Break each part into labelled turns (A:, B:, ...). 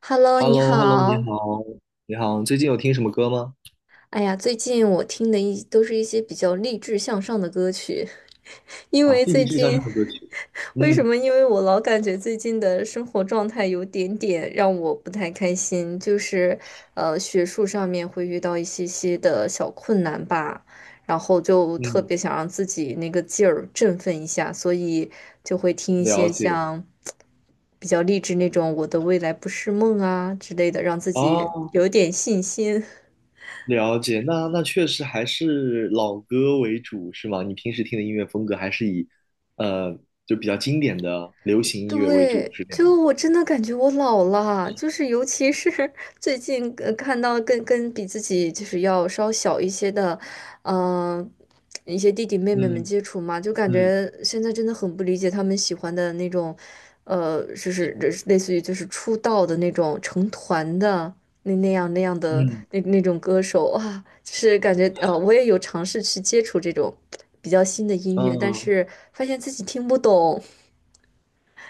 A: Hello，
B: h e l l
A: 你
B: o h e l l o 你
A: 好。
B: 好，你好，最近有听什么歌吗？
A: 哎呀，最近我听的一都是一些比较励志向上的歌曲，因
B: 啊，
A: 为
B: 是一
A: 最
B: 致向
A: 近，
B: 上的歌曲。
A: 为什
B: 嗯
A: 么？因为我老感觉最近的生活状态有点点让我不太开心，就是学术上面会遇到一些些的小困难吧，然后就特
B: 嗯，
A: 别想让自己那个劲儿振奋一下，所以就会听一
B: 了
A: 些
B: 解。
A: 像。比较励志那种“我的未来不是梦”啊之类的，让自己
B: 哦，
A: 有点信心。
B: 了解。那确实还是老歌为主，是吗？你平时听的音乐风格还是以呃，就比较经典的流行音乐为主，
A: 对，
B: 是这样吗？
A: 就我真的感觉我老了，就是尤其是 最近看到跟比自己就是要稍小一些的，嗯、一些弟弟妹妹们
B: 嗯
A: 接触嘛，就感
B: 嗯
A: 觉现在真的很不理解他们喜欢的那种，就是类似于就是出道的那种成团的那那样那样的
B: 嗯
A: 那那种歌手啊，就是感觉我也有尝试去接触这种比较新的音乐，但
B: 嗯，
A: 是发现自己听不懂。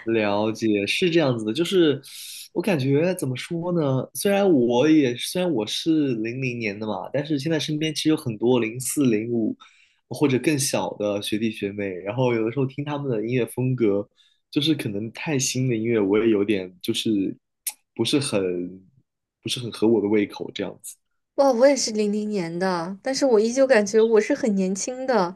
B: 了解，是这样子的，就是我感觉怎么说呢？虽然我是2000年的嘛，但是现在身边其实有很多04、05或者更小的学弟学妹，然后有的时候听他们的音乐风格，就是可能太新的音乐我也有点就是不是很不是很合我的胃口这样子。
A: 哇，我也是零零年的，但是我依旧感觉我是很年轻的，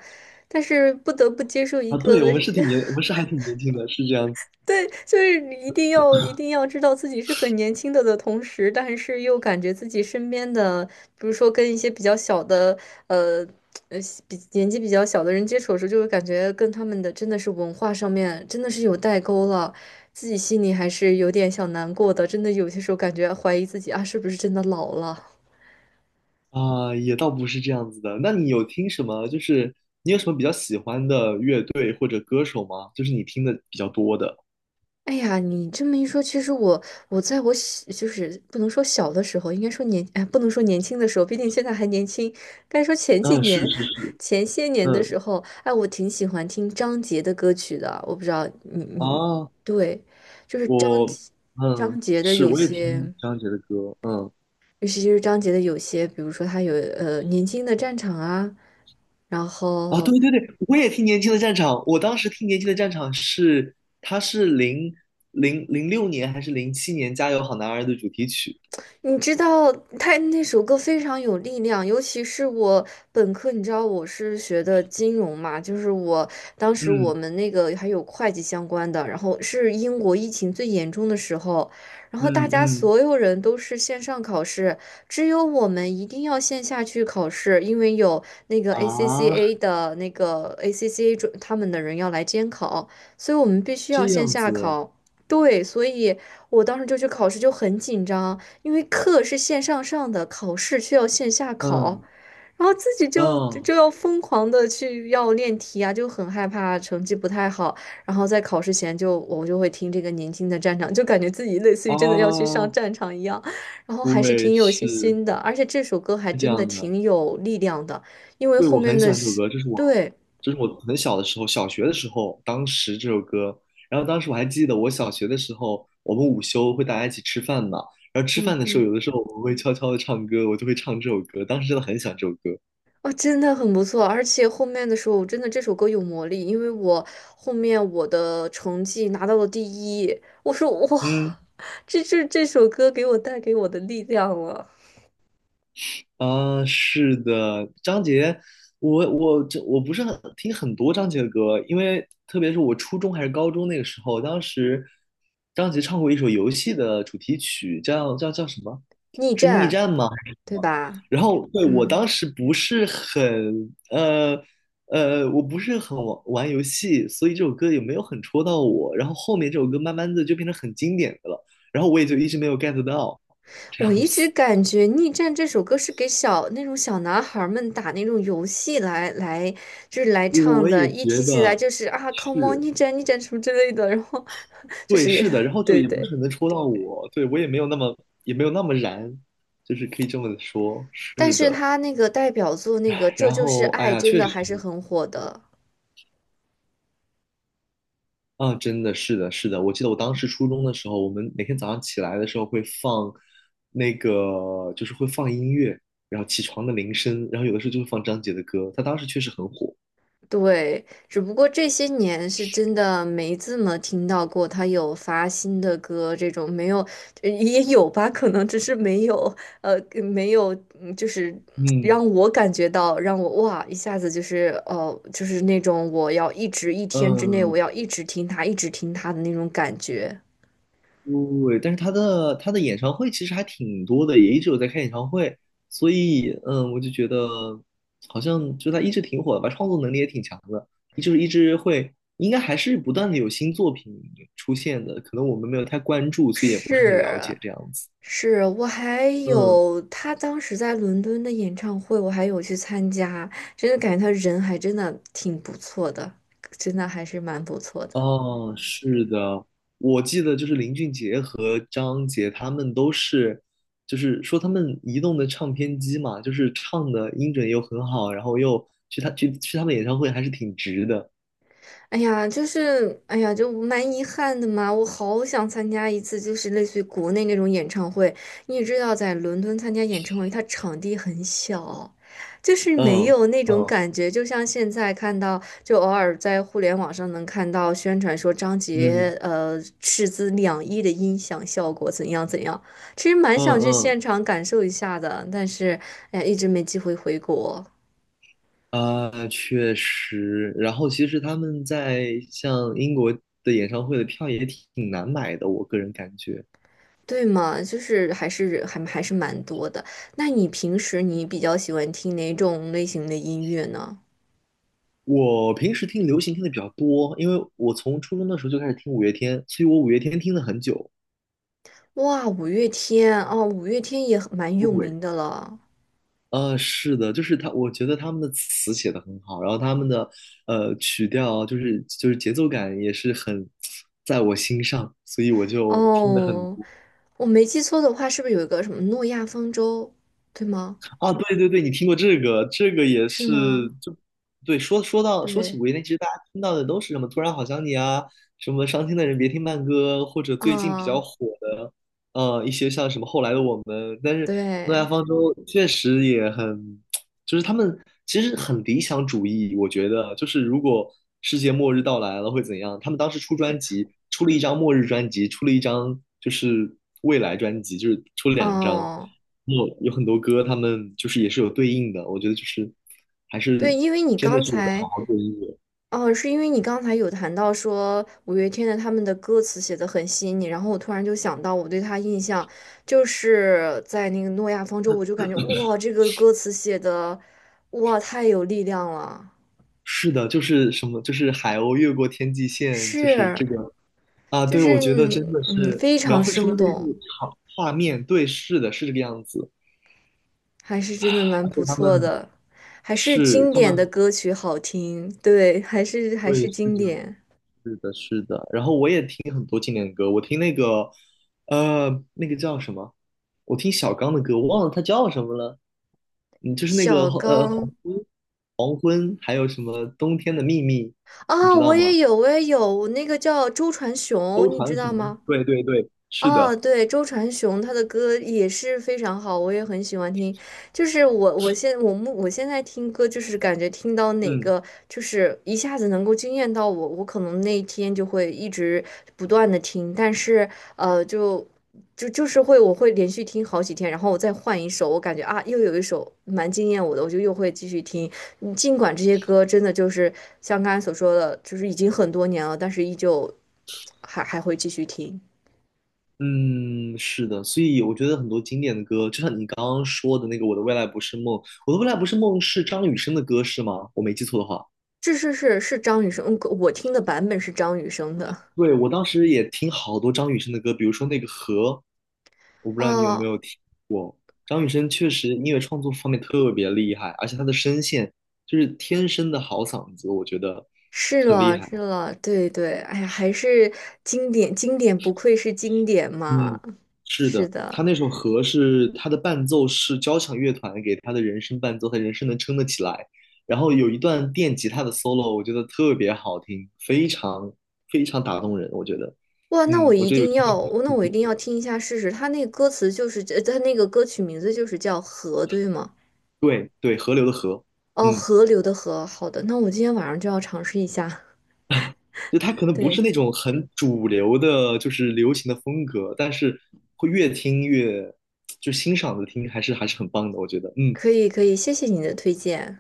A: 但是不得不接受一
B: 啊。
A: 个，
B: 对，我 们是还挺年轻的，是这样子。
A: 对，就是你一定要知道自己是很年轻的的同时，但是又感觉自己身边的，比如说跟一些比较小的，呃呃，比年纪比较小的人接触的时候，就会感觉跟他们的真的是文化上面真的是有代沟了，自己心里还是有点小难过的，真的有些时候感觉怀疑自己啊，是不是真的老了。
B: 啊，也倒不是这样子的。那你有听什么？就是你有什么比较喜欢的乐队或者歌手吗？就是你听的比较多的。
A: 哎呀，你这么一说，其实我在我小就是不能说小的时候，应该说年哎，不能说年轻的时候，毕竟现在还年轻。该说前几
B: 嗯，是
A: 年、
B: 是是，
A: 前些年的时
B: 嗯
A: 候，哎，我挺喜欢听张杰的歌曲的。我不知道你
B: 啊，
A: 对，就是张
B: 我
A: 杰张杰的
B: 是，
A: 有
B: 我也听
A: 些，
B: 张杰的歌，嗯。
A: 尤其是张杰的有些，比如说他有《年轻的战场》啊，然
B: 啊，
A: 后
B: 对对对，我也听《年轻的战场》。我当时听《年轻的战场》是，他是2006年还是2007年《加油好男儿》的主题曲。
A: 你知道他那首歌非常有力量，尤其是我本科，你知道我是学的金融嘛，就是我当时我
B: 嗯
A: 们那个还有会计相关的，然后是英国疫情最严重的时候，然后大
B: 嗯
A: 家
B: 嗯。
A: 所有人都是线上考试，只有我们一定要线下去考试，因为有那个
B: 啊，
A: ACCA 的那个 ACCA 准他们的人要来监考，所以我们必须要
B: 这
A: 线
B: 样
A: 下
B: 子。
A: 考。对，所以我当时就去考试，就很紧张。因为课是线上上的，考试却要线下考，
B: 嗯
A: 然后自己就就
B: 嗯。
A: 就要疯狂的去要练题啊，就很害怕成绩不太好，然后在考试前就我就会听这个年轻的战场》，就感觉自己类似于真的要去上
B: 啊。
A: 战场一样，然后还是
B: 对，
A: 挺有信
B: 是
A: 心的，而且这首歌还
B: 是这
A: 真的
B: 样的。
A: 挺有力量的，因为
B: 对，
A: 后
B: 我
A: 面
B: 很喜
A: 的
B: 欢这首
A: 是，
B: 歌，
A: 对，
B: 这是我很小的时候，小学的时候，当时这首歌。然后当时我还记得，我小学的时候，我们午休会大家一起吃饭嘛。然后吃
A: 嗯
B: 饭的时候，
A: 哼。
B: 有的时候我们会悄悄的唱歌，我就会唱这首歌。当时真的很喜欢这首歌。
A: 哦，真的很不错，而且后面的时候，我真的这首歌有魔力，因为我后面我的成绩拿到了第一，我说哇，
B: 嗯，
A: 这是这首歌给我带给我的力量了，
B: 啊，是的，张杰，我不是很听很多张杰的歌，因为特别是我初中还是高中那个时候，当时张杰唱过一首游戏的主题曲，叫什么？
A: 逆
B: 是逆
A: 战，
B: 战吗？还是什
A: 对
B: 么？
A: 吧？
B: 然后对我
A: 嗯，
B: 当时不是很我不是很玩游戏，所以这首歌也没有很戳到我。然后后面这首歌慢慢的就变成很经典的了，然后我也就一直没有 get 到这
A: 我
B: 样
A: 一直
B: 子。
A: 感觉《逆战》这首歌是给小那种小男孩儿们打那种游戏来，就是来唱
B: 我
A: 的。
B: 也
A: 一
B: 觉
A: 提起来
B: 得
A: 就是啊，Come on，
B: 是，
A: 逆战逆战什么之类的，然后 就
B: 对，
A: 是
B: 是的，然 后就
A: 对
B: 也不是
A: 对。
B: 很能戳到我，对，我也没有那么燃，就是可以这么说。
A: 但是他那个代表作那个《这
B: 然
A: 就是
B: 后哎
A: 爱》
B: 呀，
A: 真
B: 确
A: 的还
B: 实。
A: 是很火的，
B: 啊，真的是的，是的。我记得我当时初中的时候，我们每天早上起来的时候会放那个，就是会放音乐，然后起床的铃声，然后有的时候就会放张杰的歌。他当时确实很火。
A: 对，只不过这些年是真的没怎么听到过他有发新的歌，这种没有，呃也有吧，可能只是没有，呃，没有，嗯就是
B: 嗯
A: 让我感觉到，让我哇一下子就是就是那种我要一直一天之内我
B: 嗯，
A: 要一直听他，一直听他的那种感觉，
B: 对，但是他的演唱会其实还挺多的，也一直有在开演唱会，所以嗯，我就觉得好像就他一直挺火的吧，创作能力也挺强的，就是一直会，应该还是不断的有新作品出现的，可能我们没有太关注，所以也不是很了
A: 是，
B: 解这样子。
A: 是我还
B: 嗯。
A: 有他当时在伦敦的演唱会，我还有去参加，真的感觉他人还真的挺不错的，真的还是蛮不错的。
B: 哦，是的，我记得就是林俊杰和张杰他们都是，就是说他们移动的唱片机嘛，就是唱的音准又很好，然后又去他去去他们演唱会还是挺值的。
A: 哎呀，就是，哎呀，就蛮遗憾的嘛。我好想参加一次，就是类似于国内那种演唱会。你也知道，在伦敦参加演唱会，它场地很小，就是没
B: 嗯
A: 有那种
B: 嗯
A: 感觉。就像现在看到，就偶尔在互联网上能看到宣传说张
B: 嗯
A: 杰，斥资两亿的音响效果怎样怎样。其实蛮
B: 嗯
A: 想去
B: 嗯。
A: 现场感受一下的，但是，哎呀，一直没机会回国。
B: 啊，确实。然后其实他们在像英国的演唱会的票也挺难买的，我个人感觉。
A: 对嘛，就是还是蛮多的。那你平时你比较喜欢听哪种类型的音乐呢？
B: 我平时听流行听的比较多，因为我从初中的时候就开始听五月天，所以我五月天听了很久。
A: 哇，五月天哦，五月天也很蛮有
B: 对，
A: 名的了。
B: 是的，就是他，我觉得他们的词写的很好，然后他们的曲调就是节奏感也是很在我心上，所以我就听的很。
A: 哦，我没记错的话，是不是有一个什么诺亚方舟？对吗？
B: 啊，对对对，你听过这个，这个也
A: 是
B: 是，
A: 吗？
B: 就对，说起
A: 对
B: 五月天，其实大家听到的都是什么"突然好想你"啊，什么"伤心的人别听慢歌"，或者最近比较
A: 啊，
B: 火的，一些像什么"后来的我们"，但是诺亚
A: 对，
B: 方舟确实就是他们其实很理想主义，我觉得就是如果世界末日到来了会怎样？他们当时出专
A: 是
B: 辑，出了一张末日专辑，出了一张就是未来专辑，就是出了两张，
A: 哦。
B: 有很多歌，他们就是也是有对应的，我觉得就是还
A: 对，
B: 是
A: 因为你
B: 真的
A: 刚
B: 是有在好
A: 才，
B: 好做音乐。
A: 哦，是因为你刚才有谈到说五月天的他们的歌词写的很吸引你，然后我突然就想到我对他印象就是在那个《诺亚方舟》，我就感觉哇，这个歌词写的哇太有力量了，
B: 是的，就是什么，就是海鸥越过天际线，就是
A: 是，
B: 这个。啊，
A: 就
B: 对，我觉得真
A: 是
B: 的
A: 嗯，
B: 是
A: 非
B: 描
A: 常
B: 绘出
A: 生
B: 了那
A: 动，
B: 幅场画面，对，是的，是这个样子，
A: 还是真的蛮
B: 而且
A: 不
B: 他们。
A: 错的，还是
B: 是，
A: 经
B: 他们
A: 典的歌曲好听，对，还是还
B: 会
A: 是
B: 是
A: 经
B: 这样，
A: 典。
B: 是的，是的。然后我也听很多经典的歌，我听那个，那个叫什么？我听小刚的歌，我忘了他叫什么了。嗯，就是那个
A: 小
B: 黄
A: 刚，
B: 昏，还有什么冬天的秘密，你
A: 啊，
B: 知道吗？
A: 我也有，我那个叫周传雄，
B: 周
A: 你知
B: 传
A: 道
B: 雄，
A: 吗？
B: 对对对，是
A: 哦，
B: 的，
A: 对，周传雄他的歌也是非常好，我也很喜欢听。就是我，我现我目我现在听歌，就是感觉听到哪
B: 嗯
A: 个，就是一下子能够惊艳到我，我可能那一天就会一直不断的听。但是，呃，就就是会，我会连续听好几天，然后我再换一首，我感觉啊，又有一首蛮惊艳我的，我就又会继续听。嗯尽管这些歌真的就是像刚才所说的，就是已经很多年了，但是依旧还会继续听。
B: 嗯，是的。所以我觉得很多经典的歌，就像你刚刚说的那个《我的未来不是梦》，《我的未来不是梦》是张雨生的歌是吗？我没记错的话。
A: 是张雨生，嗯我听的版本是张雨生的。
B: 对，我当时也听好多张雨生的歌，比如说那个《河》，我不知道你有没
A: 哦，
B: 有听过。张雨生确实音乐创作方面特别厉害，而且他的声线就是天生的好嗓子，我觉得
A: 是
B: 很厉
A: 了
B: 害。
A: 是了，对对，哎呀，还是经典，不愧是经典
B: 嗯，
A: 嘛。
B: 是
A: 是
B: 的，
A: 的，
B: 他那首《河》是他的伴奏是交响乐团给他的人声伴奏，他人声能撑得起来。然后有一段电吉他的 solo，我觉得特别好听，非常非常打动人，我觉得。
A: 哇，
B: 嗯，我觉得有，
A: 那我一定要听一下试试。他那个歌词就是，他那个歌曲名字就是叫《河》，对吗？
B: 对对，河流的河，
A: 哦，
B: 嗯。
A: 河流的河。好的，那我今天晚上就要尝试一下。
B: 就它可能不是
A: 对，
B: 那种很主流的，就是流行的风格，但是会越听越就欣赏的听，还是很棒的，我觉得。嗯，
A: 可以可以，谢谢你的推荐。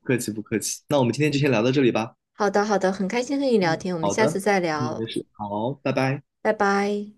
B: 不客气不客气。那我们今天就先聊到这里吧。
A: 好的好的，很开心和你聊
B: 嗯，
A: 天，我们
B: 好
A: 下次
B: 的，
A: 再
B: 嗯，
A: 聊，
B: 没事，好，拜拜。
A: 拜拜。